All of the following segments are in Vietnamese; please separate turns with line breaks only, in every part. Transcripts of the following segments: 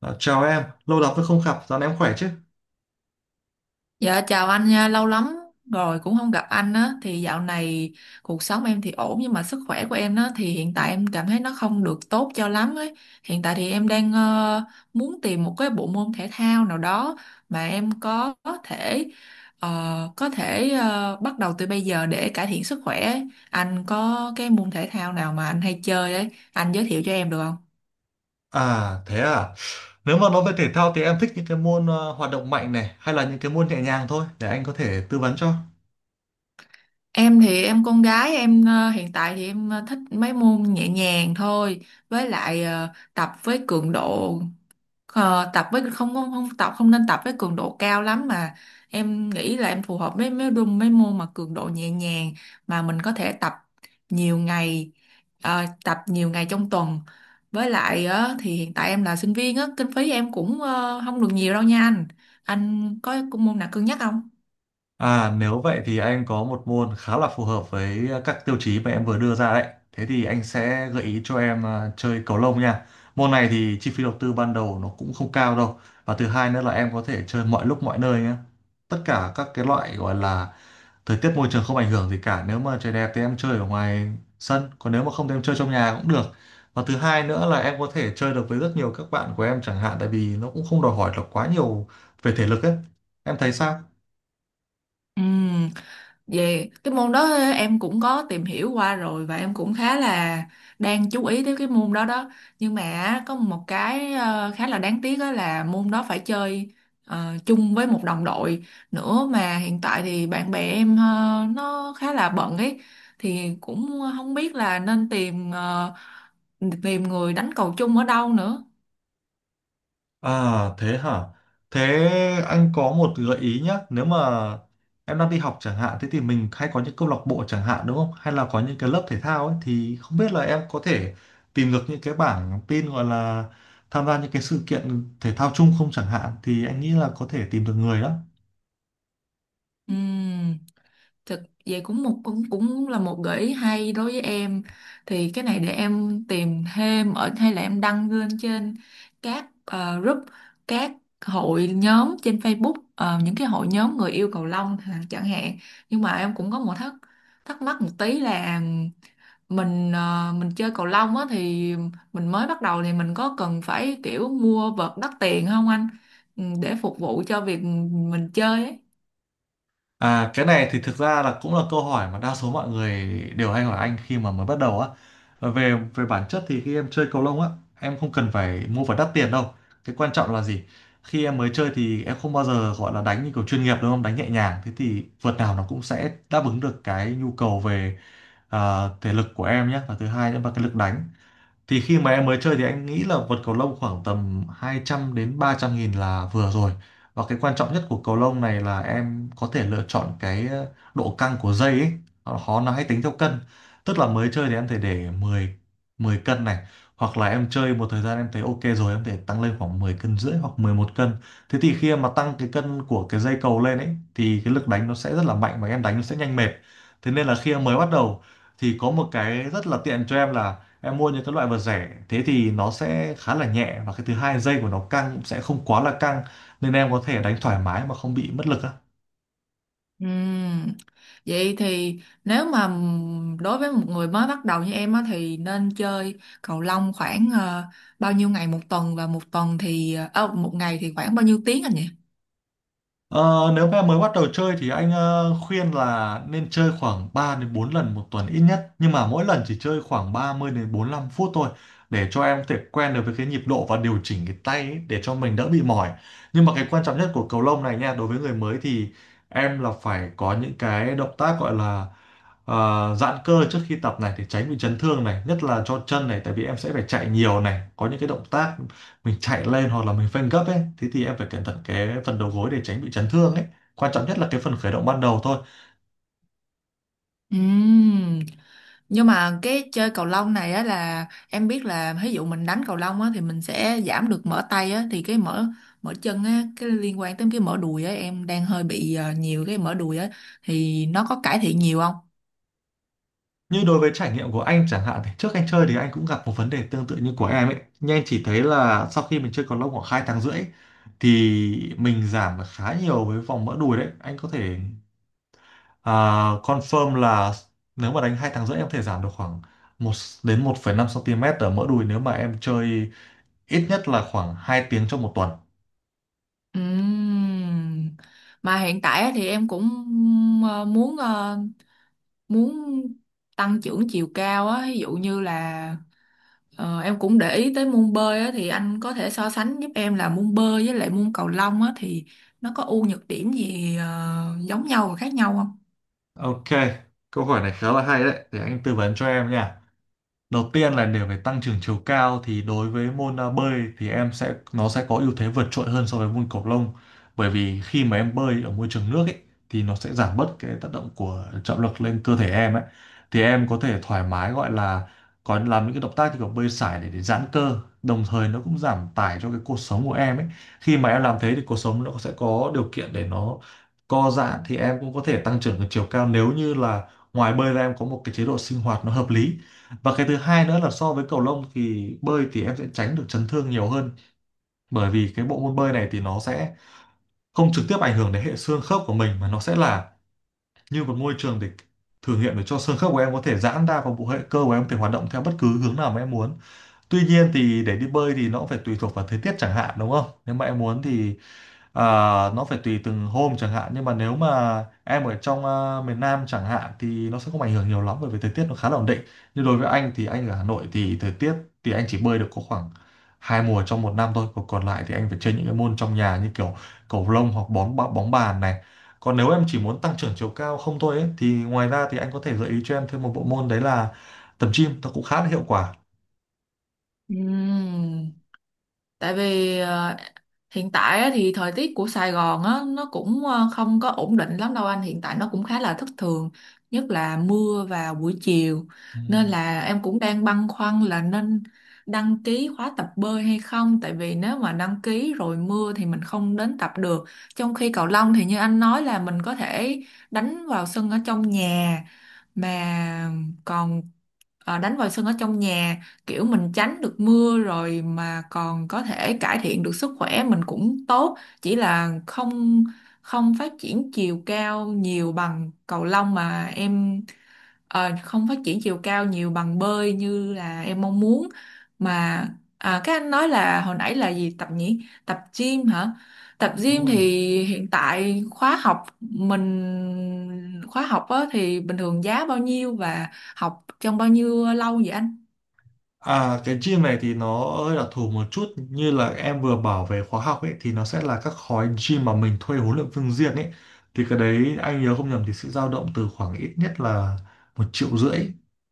Ờ, chào em, lâu lắm rồi không gặp, dạo này em khỏe chứ?
Dạ chào anh nha, lâu lắm rồi cũng không gặp anh á, thì dạo này cuộc sống em thì ổn, nhưng mà sức khỏe của em á thì hiện tại em cảm thấy nó không được tốt cho lắm ấy. Hiện tại thì em đang muốn tìm một cái bộ môn thể thao nào đó mà em thể ờ, có thể bắt đầu từ bây giờ để cải thiện sức khỏe ấy. Anh có cái môn thể thao nào mà anh hay chơi ấy, anh giới thiệu cho em được không?
À, thế à? Nếu mà nói về thể thao thì em thích những cái môn hoạt động mạnh này hay là những cái môn nhẹ nhàng thôi để anh có thể tư vấn cho.
Em thì em con gái em, hiện tại thì em thích mấy môn nhẹ nhàng thôi, với lại tập với cường độ tập với không, không không tập không nên tập với cường độ cao lắm, mà em nghĩ là em phù hợp với mấy đúng mấy môn mà cường độ nhẹ nhàng mà mình có thể tập nhiều ngày, tập nhiều ngày trong tuần, với lại thì hiện tại em là sinh viên á, kinh phí em cũng không được nhiều đâu nha anh. Anh có môn nào cân nhắc không?
À, nếu vậy thì anh có một môn khá là phù hợp với các tiêu chí mà em vừa đưa ra đấy. Thế thì anh sẽ gợi ý cho em à, chơi cầu lông nha. Môn này thì chi phí đầu tư ban đầu nó cũng không cao đâu. Và thứ hai nữa là em có thể chơi mọi lúc mọi nơi nhé. Tất cả các cái loại gọi là thời tiết môi trường không ảnh hưởng gì cả. Nếu mà trời đẹp thì em chơi ở ngoài sân, còn nếu mà không thì em chơi trong nhà cũng được. Và thứ hai nữa là em có thể chơi được với rất nhiều các bạn của em chẳng hạn tại vì nó cũng không đòi hỏi là quá nhiều về thể lực ấy. Em thấy sao?
Ừ. Về cái môn đó em cũng có tìm hiểu qua rồi và em cũng khá là đang chú ý tới cái môn đó đó. Nhưng mà á, có một cái khá là đáng tiếc đó là môn đó phải chơi chung với một đồng đội nữa, mà hiện tại thì bạn bè em nó khá là bận ấy, thì cũng không biết là nên tìm người đánh cầu chung ở đâu nữa.
À, thế hả? Thế anh có một gợi ý nhé. Nếu mà em đang đi học chẳng hạn, thế thì mình hay có những câu lạc bộ chẳng hạn đúng không? Hay là có những cái lớp thể thao ấy thì không biết là em có thể tìm được những cái bảng tin gọi là tham gia những cái sự kiện thể thao chung không chẳng hạn thì anh nghĩ là có thể tìm được người đó.
Ừm. Thực vậy, cũng là một gợi ý hay đối với em, thì cái này để em tìm thêm ở hay là em đăng lên trên các group, các hội nhóm trên Facebook, những cái hội nhóm người yêu cầu lông chẳng hạn. Nhưng mà em cũng có một thắc thắc mắc một tí là mình mình chơi cầu lông á thì mình mới bắt đầu thì mình có cần phải kiểu mua vợt đắt tiền không anh? Ừ, để phục vụ cho việc mình chơi ấy.
À, cái này thì thực ra là cũng là câu hỏi mà đa số mọi người đều hay hỏi anh khi mà mới bắt đầu á. Và Về về bản chất thì khi em chơi cầu lông á, em không cần phải mua phải đắt tiền đâu. Cái quan trọng là gì? Khi em mới chơi thì em không bao giờ gọi là đánh như kiểu chuyên nghiệp đúng không? Đánh nhẹ nhàng. Thế thì vợt nào nó cũng sẽ đáp ứng được cái nhu cầu về à, thể lực của em nhé. Và thứ hai nữa là cái lực đánh thì khi mà em mới chơi thì anh nghĩ là vật cầu lông khoảng tầm 200 đến 300 nghìn là vừa rồi, và cái quan trọng nhất của cầu lông này là em có thể lựa chọn cái độ căng của dây ấy. Họ họ- Nó hay tính theo cân, tức là mới chơi thì em thể để 10 10 cân này, hoặc là em chơi một thời gian em thấy ok rồi em thể tăng lên khoảng 10 cân rưỡi hoặc 11 cân. Thế thì khi em mà tăng cái cân của cái dây cầu lên ấy thì cái lực đánh nó sẽ rất là mạnh và em đánh nó sẽ nhanh mệt, thế nên là khi em mới bắt đầu thì có một cái rất là tiện cho em là em mua những cái loại vật rẻ, thế thì nó sẽ khá là nhẹ và cái thứ hai dây của nó căng cũng sẽ không quá là căng, nên em có thể đánh thoải mái mà không bị mất lực á.
Ừm, Vậy thì nếu mà đối với một người mới bắt đầu như em á thì nên chơi cầu lông khoảng bao nhiêu ngày một tuần, và một tuần thì một ngày thì khoảng bao nhiêu tiếng anh nhỉ?
Ờ, Nếu mà mới bắt đầu chơi thì anh khuyên là nên chơi khoảng 3 đến 4 lần một tuần ít nhất, nhưng mà mỗi lần chỉ chơi khoảng 30 đến 45 phút thôi để cho em có thể quen được với cái nhịp độ và điều chỉnh cái tay ấy để cho mình đỡ bị mỏi. Nhưng mà cái quan trọng nhất của cầu lông này nha, đối với người mới thì em là phải có những cái động tác gọi là giãn cơ trước khi tập này để tránh bị chấn thương này, nhất là cho chân này tại vì em sẽ phải chạy nhiều này, có những cái động tác mình chạy lên hoặc là mình phanh gấp ấy, thế thì em phải cẩn thận cái phần đầu gối để tránh bị chấn thương ấy. Quan trọng nhất là cái phần khởi động ban đầu thôi.
Ừm, Nhưng mà cái chơi cầu lông này á là em biết là ví dụ mình đánh cầu lông á thì mình sẽ giảm được mỡ tay á, thì cái mỡ mỡ chân á, cái liên quan tới cái mỡ đùi á, em đang hơi bị nhiều cái mỡ đùi á, thì nó có cải thiện nhiều không?
Như đối với trải nghiệm của anh chẳng hạn thì trước anh chơi thì anh cũng gặp một vấn đề tương tự như của em ấy, nhưng anh chỉ thấy là sau khi mình chơi cầu lông khoảng 2 tháng rưỡi thì mình giảm được khá nhiều với vòng mỡ đùi đấy. Anh có thể à, confirm là nếu mà đánh 2 tháng rưỡi em có thể giảm được khoảng một đến 1,5 cm ở mỡ đùi nếu mà em chơi ít nhất là khoảng 2 tiếng trong một tuần.
Ừm. Mà hiện tại á thì em cũng ờ, muốn ờ, muốn tăng trưởng chiều cao á, ví dụ như là em cũng để ý tới môn bơi á, thì anh có thể so sánh giúp em là môn bơi với lại môn cầu lông á thì nó có ưu nhược điểm gì giống nhau và khác nhau không?
Ok, câu hỏi này khá là hay đấy, để anh tư vấn cho em nha. Đầu tiên là để phải tăng trưởng chiều cao thì đối với môn à, bơi thì em sẽ nó sẽ có ưu thế vượt trội hơn so với môn cầu lông, bởi vì khi mà em bơi ở môi trường nước ấy thì nó sẽ giảm bớt cái tác động của trọng lực lên cơ thể em ấy, thì em có thể thoải mái gọi là có làm những cái động tác như kiểu bơi sải để giãn cơ, đồng thời nó cũng giảm tải cho cái cột sống của em ấy. Khi mà em làm thế thì cột sống nó sẽ có điều kiện để nó co giãn, thì em cũng có thể tăng trưởng được chiều cao nếu như là ngoài bơi ra em có một cái chế độ sinh hoạt nó hợp lý. Và cái thứ hai nữa là so với cầu lông thì bơi thì em sẽ tránh được chấn thương nhiều hơn, bởi vì cái bộ môn bơi này thì nó sẽ không trực tiếp ảnh hưởng đến hệ xương khớp của mình, mà nó sẽ là như một môi trường để thử nghiệm để cho xương khớp của em có thể giãn ra và bộ hệ cơ của em có thể hoạt động theo bất cứ hướng nào mà em muốn. Tuy nhiên thì để đi bơi thì nó cũng phải tùy thuộc vào thời tiết chẳng hạn đúng không? Nếu mà em muốn thì à, nó phải tùy từng hôm chẳng hạn, nhưng mà nếu mà em ở trong à, miền Nam chẳng hạn thì nó sẽ không ảnh hưởng nhiều lắm bởi vì thời tiết nó khá là ổn định, nhưng đối với anh thì anh ở Hà Nội thì thời tiết thì anh chỉ bơi được có khoảng 2 mùa trong một năm thôi, còn còn lại thì anh phải chơi những cái môn trong nhà như kiểu cầu lông hoặc bóng bóng bóng bàn này. Còn nếu em chỉ muốn tăng trưởng chiều cao không thôi ấy, thì ngoài ra thì anh có thể gợi ý cho em thêm một bộ môn đấy là tập gym, nó cũng khá là hiệu quả.
Ừm. Tại vì hiện tại á thì thời tiết của Sài Gòn á nó cũng không có ổn định lắm đâu anh, hiện tại nó cũng khá là thất thường, nhất là mưa vào buổi chiều,
Ừ,
nên là em cũng đang băn khoăn là nên đăng ký khóa tập bơi hay không, tại vì nếu mà đăng ký rồi mưa thì mình không đến tập được, trong khi cầu lông thì như anh nói là mình có thể đánh vào sân ở trong nhà, mà còn đánh vòi sân ở trong nhà, kiểu mình tránh được mưa rồi mà còn có thể cải thiện được sức khỏe mình cũng tốt, chỉ là không không phát triển chiều cao nhiều bằng cầu lông mà em không phát triển chiều cao nhiều bằng bơi như là em mong muốn. Mà à, các anh nói là hồi nãy là gì tập nhỉ, tập gym hả, tập
đúng
gym
rồi.
thì hiện tại khóa học mình khóa học á, thì bình thường giá bao nhiêu và học trong bao nhiêu lâu vậy anh?
À, cái gym này thì nó hơi đặc thù một chút, như là em vừa bảo về khóa học ấy thì nó sẽ là các khói gym mà mình thuê huấn luyện viên riêng ấy, thì cái đấy anh nhớ không nhầm thì sẽ dao động từ khoảng ít nhất là 1 triệu rưỡi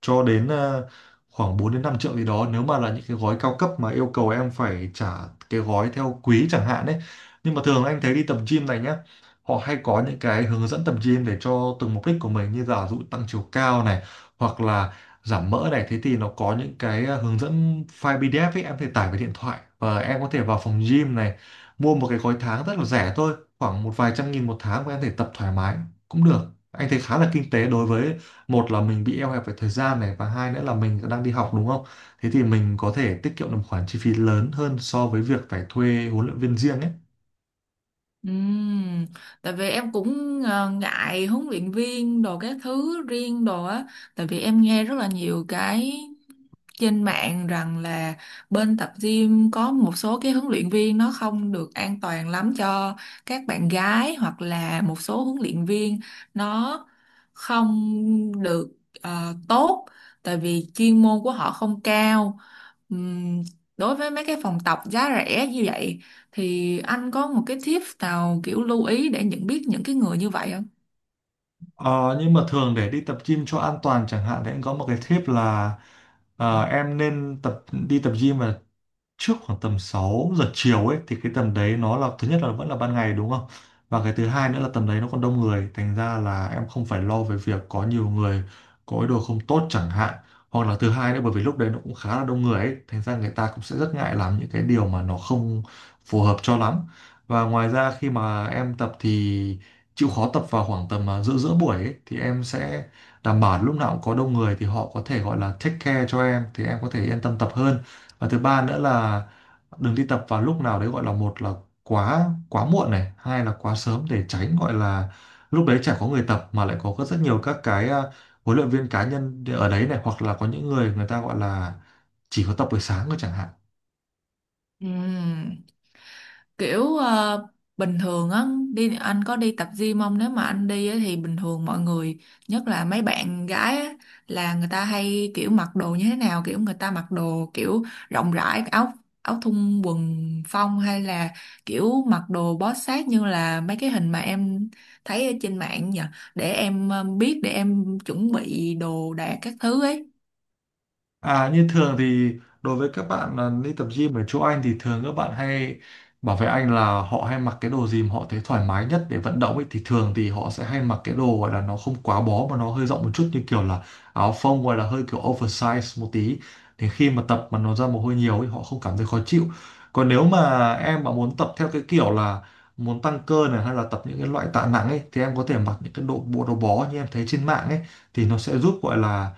cho đến khoảng 4 đến 5 triệu gì đó nếu mà là những cái gói cao cấp mà yêu cầu em phải trả cái gói theo quý chẳng hạn ấy. Nhưng mà thường anh thấy đi tập gym này nhá, họ hay có những cái hướng dẫn tập gym để cho từng mục đích của mình, như giả dụ tăng chiều cao này hoặc là giảm mỡ này, thế thì nó có những cái hướng dẫn file PDF ấy em có thể tải về điện thoại và em có thể vào phòng gym này mua một cái gói tháng rất là rẻ thôi, khoảng một vài trăm nghìn một tháng và em có thể tập thoải mái cũng được. Anh thấy khá là kinh tế đối với một là mình bị eo hẹp về thời gian này và hai nữa là mình đang đi học đúng không, thế thì mình có thể tiết kiệm được một khoản chi phí lớn hơn so với việc phải thuê huấn luyện viên riêng ấy.
Ừm, tại vì em cũng ngại huấn luyện viên đồ các thứ riêng đồ á, tại vì em nghe rất là nhiều cái trên mạng rằng là bên tập gym có một số cái huấn luyện viên nó không được an toàn lắm cho các bạn gái, hoặc là một số huấn luyện viên nó không được tốt tại vì chuyên môn của họ không cao. Ừm, đối với mấy cái phòng tập giá rẻ như vậy thì anh có một cái tip nào kiểu lưu ý để nhận biết những cái người như vậy không?
Ờ, nhưng mà thường để đi tập gym cho an toàn chẳng hạn thì em có một cái tip là em nên tập đi tập gym vào trước khoảng tầm 6 giờ chiều ấy, thì cái tầm đấy nó là thứ nhất là vẫn là ban ngày đúng không? Và cái thứ hai nữa là tầm đấy nó còn đông người, thành ra là em không phải lo về việc có nhiều người có ý đồ không tốt chẳng hạn, hoặc là thứ hai nữa bởi vì lúc đấy nó cũng khá là đông người ấy, thành ra người ta cũng sẽ rất ngại làm những cái điều mà nó không phù hợp cho lắm. Và ngoài ra khi mà em tập thì chịu khó tập vào khoảng tầm giữa giữa buổi ấy, thì em sẽ đảm bảo lúc nào cũng có đông người thì họ có thể gọi là take care cho em, thì em có thể yên tâm tập hơn. Và thứ ba nữa là đừng đi tập vào lúc nào đấy, gọi là một là quá quá muộn này, hai là quá sớm, để tránh gọi là lúc đấy chả có người tập mà lại có rất nhiều các cái huấn luyện viên cá nhân ở đấy này, hoặc là có những người người ta gọi là chỉ có tập buổi sáng thôi chẳng hạn.
Ừm. Kiểu bình thường á, đi anh có đi tập gym không, nếu mà anh đi á, thì bình thường mọi người, nhất là mấy bạn gái á, là người ta hay kiểu mặc đồ như thế nào, kiểu người ta mặc đồ kiểu rộng rãi, áo áo thun quần phong, hay là kiểu mặc đồ bó sát như là mấy cái hình mà em thấy ở trên mạng nhỉ, để em biết để em chuẩn bị đồ đạc các thứ ấy.
À, như thường thì đối với các bạn đi tập gym ở chỗ anh thì thường các bạn hay bảo với anh là họ hay mặc cái đồ gì mà họ thấy thoải mái nhất để vận động ấy, thì thường thì họ sẽ hay mặc cái đồ gọi là nó không quá bó mà nó hơi rộng một chút, như kiểu là áo phông gọi là hơi kiểu oversize một tí, thì khi mà tập mà nó ra mồ hôi nhiều ấy họ không cảm thấy khó chịu. Còn nếu mà em mà muốn tập theo cái kiểu là muốn tăng cơ này, hay là tập những cái loại tạ nặng ấy, thì em có thể mặc những cái đồ bộ đồ bó như em thấy trên mạng ấy, thì nó sẽ giúp gọi là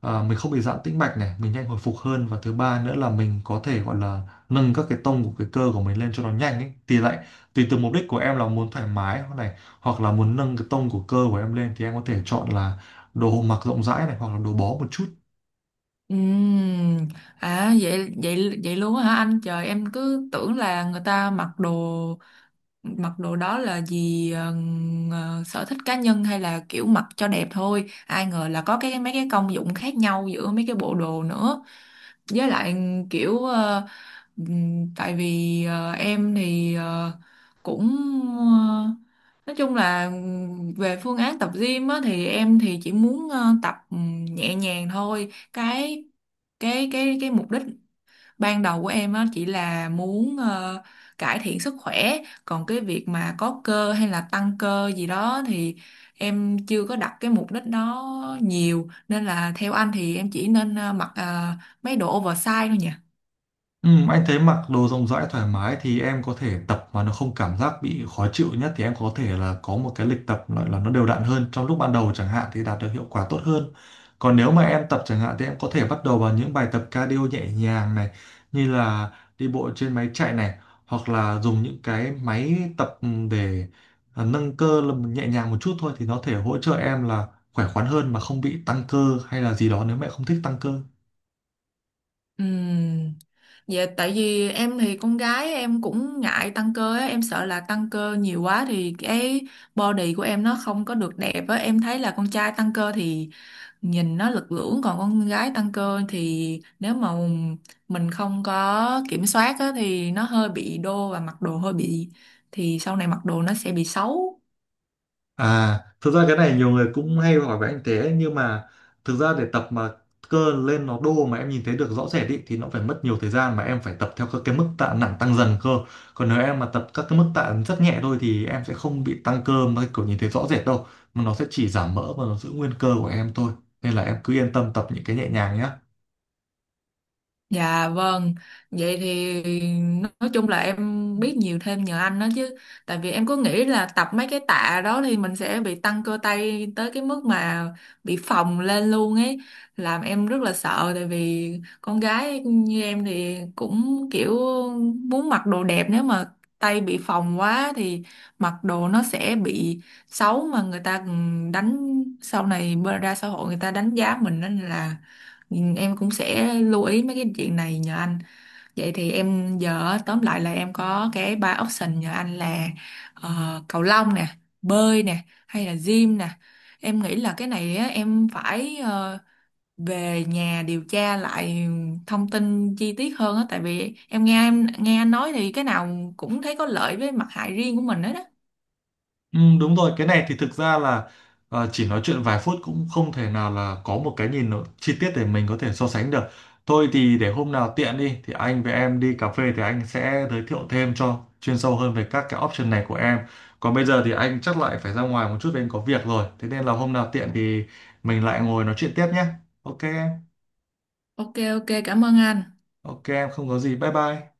mình không bị giãn tĩnh mạch này, mình nhanh hồi phục hơn, và thứ ba nữa là mình có thể gọi là nâng các cái tông của cái cơ của mình lên cho nó nhanh ấy, thì lại tùy từ mục đích của em là muốn thoải mái hoặc này, hoặc là muốn nâng cái tông của cơ của em lên, thì em có thể chọn là đồ mặc rộng rãi này hoặc là đồ bó một chút.
Ừm, à vậy vậy vậy luôn á hả anh? Trời, em cứ tưởng là người ta mặc đồ đó là gì sở thích cá nhân hay là kiểu mặc cho đẹp thôi, ai ngờ là có cái mấy cái công dụng khác nhau giữa mấy cái bộ đồ nữa. Với lại kiểu tại vì em thì cũng ờ, nói chung là về phương án tập gym á, thì em thì chỉ muốn tập nhẹ nhàng thôi, cái mục đích ban đầu của em á chỉ là muốn cải thiện sức khỏe, còn cái việc mà có cơ hay là tăng cơ gì đó thì em chưa có đặt cái mục đích đó nhiều, nên là theo anh thì em chỉ nên mặc mấy đồ oversize thôi nhỉ?
Ừ, anh thấy mặc đồ rộng rãi thoải mái thì em có thể tập mà nó không cảm giác bị khó chịu nhất, thì em có thể là có một cái lịch tập gọi là nó đều đặn hơn trong lúc ban đầu chẳng hạn, thì đạt được hiệu quả tốt hơn. Còn nếu mà em tập chẳng hạn thì em có thể bắt đầu bằng những bài tập cardio nhẹ nhàng này, như là đi bộ trên máy chạy này, hoặc là dùng những cái máy tập để nâng cơ là nhẹ nhàng một chút thôi, thì nó thể hỗ trợ em là khỏe khoắn hơn mà không bị tăng cơ hay là gì đó nếu mẹ không thích tăng cơ.
Ừm, vậy tại vì em thì con gái em cũng ngại tăng cơ á, em sợ là tăng cơ nhiều quá thì cái body của em nó không có được đẹp á, em thấy là con trai tăng cơ thì nhìn nó lực lưỡng, còn con gái tăng cơ thì nếu mà mình không có kiểm soát á, thì nó hơi bị đô và mặc đồ hơi bị, thì sau này mặc đồ nó sẽ bị xấu.
À, thực ra cái này nhiều người cũng hay hỏi với anh thế, nhưng mà thực ra để tập mà cơ lên nó đô mà em nhìn thấy được rõ rệt ý, thì nó phải mất nhiều thời gian mà em phải tập theo các cái mức tạ nặng tăng dần cơ. Còn nếu em mà tập các cái mức tạ rất nhẹ thôi thì em sẽ không bị tăng cơ mà kiểu nhìn thấy rõ rệt đâu. Mà nó sẽ chỉ giảm mỡ và nó giữ nguyên cơ của em thôi. Nên là em cứ yên tâm tập những cái nhẹ nhàng nhé.
Dạ vâng, vậy thì nói chung là em biết nhiều thêm nhờ anh đó chứ. Tại vì em cứ nghĩ là tập mấy cái tạ đó thì mình sẽ bị tăng cơ tay tới cái mức mà bị phồng lên luôn ấy. Làm em rất là sợ, tại vì con gái như em thì cũng kiểu muốn mặc đồ đẹp, nếu mà tay bị phồng quá thì mặc đồ nó sẽ bị xấu mà người ta đánh sau này ra xã hội người ta đánh giá mình, nên là ừ, em cũng sẽ lưu ý mấy cái chuyện này nhờ anh. Vậy thì em giờ á, tóm lại là em có cái ba option nhờ anh là ờ, cầu lông nè, bơi nè, hay là gym nè. Em nghĩ là cái này á, em phải về nhà điều tra lại thông tin chi tiết hơn á, tại vì em nghe anh nói thì cái nào cũng thấy có lợi với mặt hại riêng của mình hết đó.
Ừ, đúng rồi, cái này thì thực ra là chỉ nói chuyện vài phút cũng không thể nào là có một cái nhìn nó chi tiết để mình có thể so sánh được. Thôi thì để hôm nào tiện đi thì anh với em đi cà phê, thì anh sẽ giới thiệu thêm cho chuyên sâu hơn về các cái option này của em. Còn bây giờ thì anh chắc lại phải ra ngoài một chút vì anh có việc rồi. Thế nên là hôm nào tiện thì mình lại ngồi nói chuyện tiếp nhé. Ok em,
Ok ok, cảm ơn anh.
ok em không có gì. Bye bye.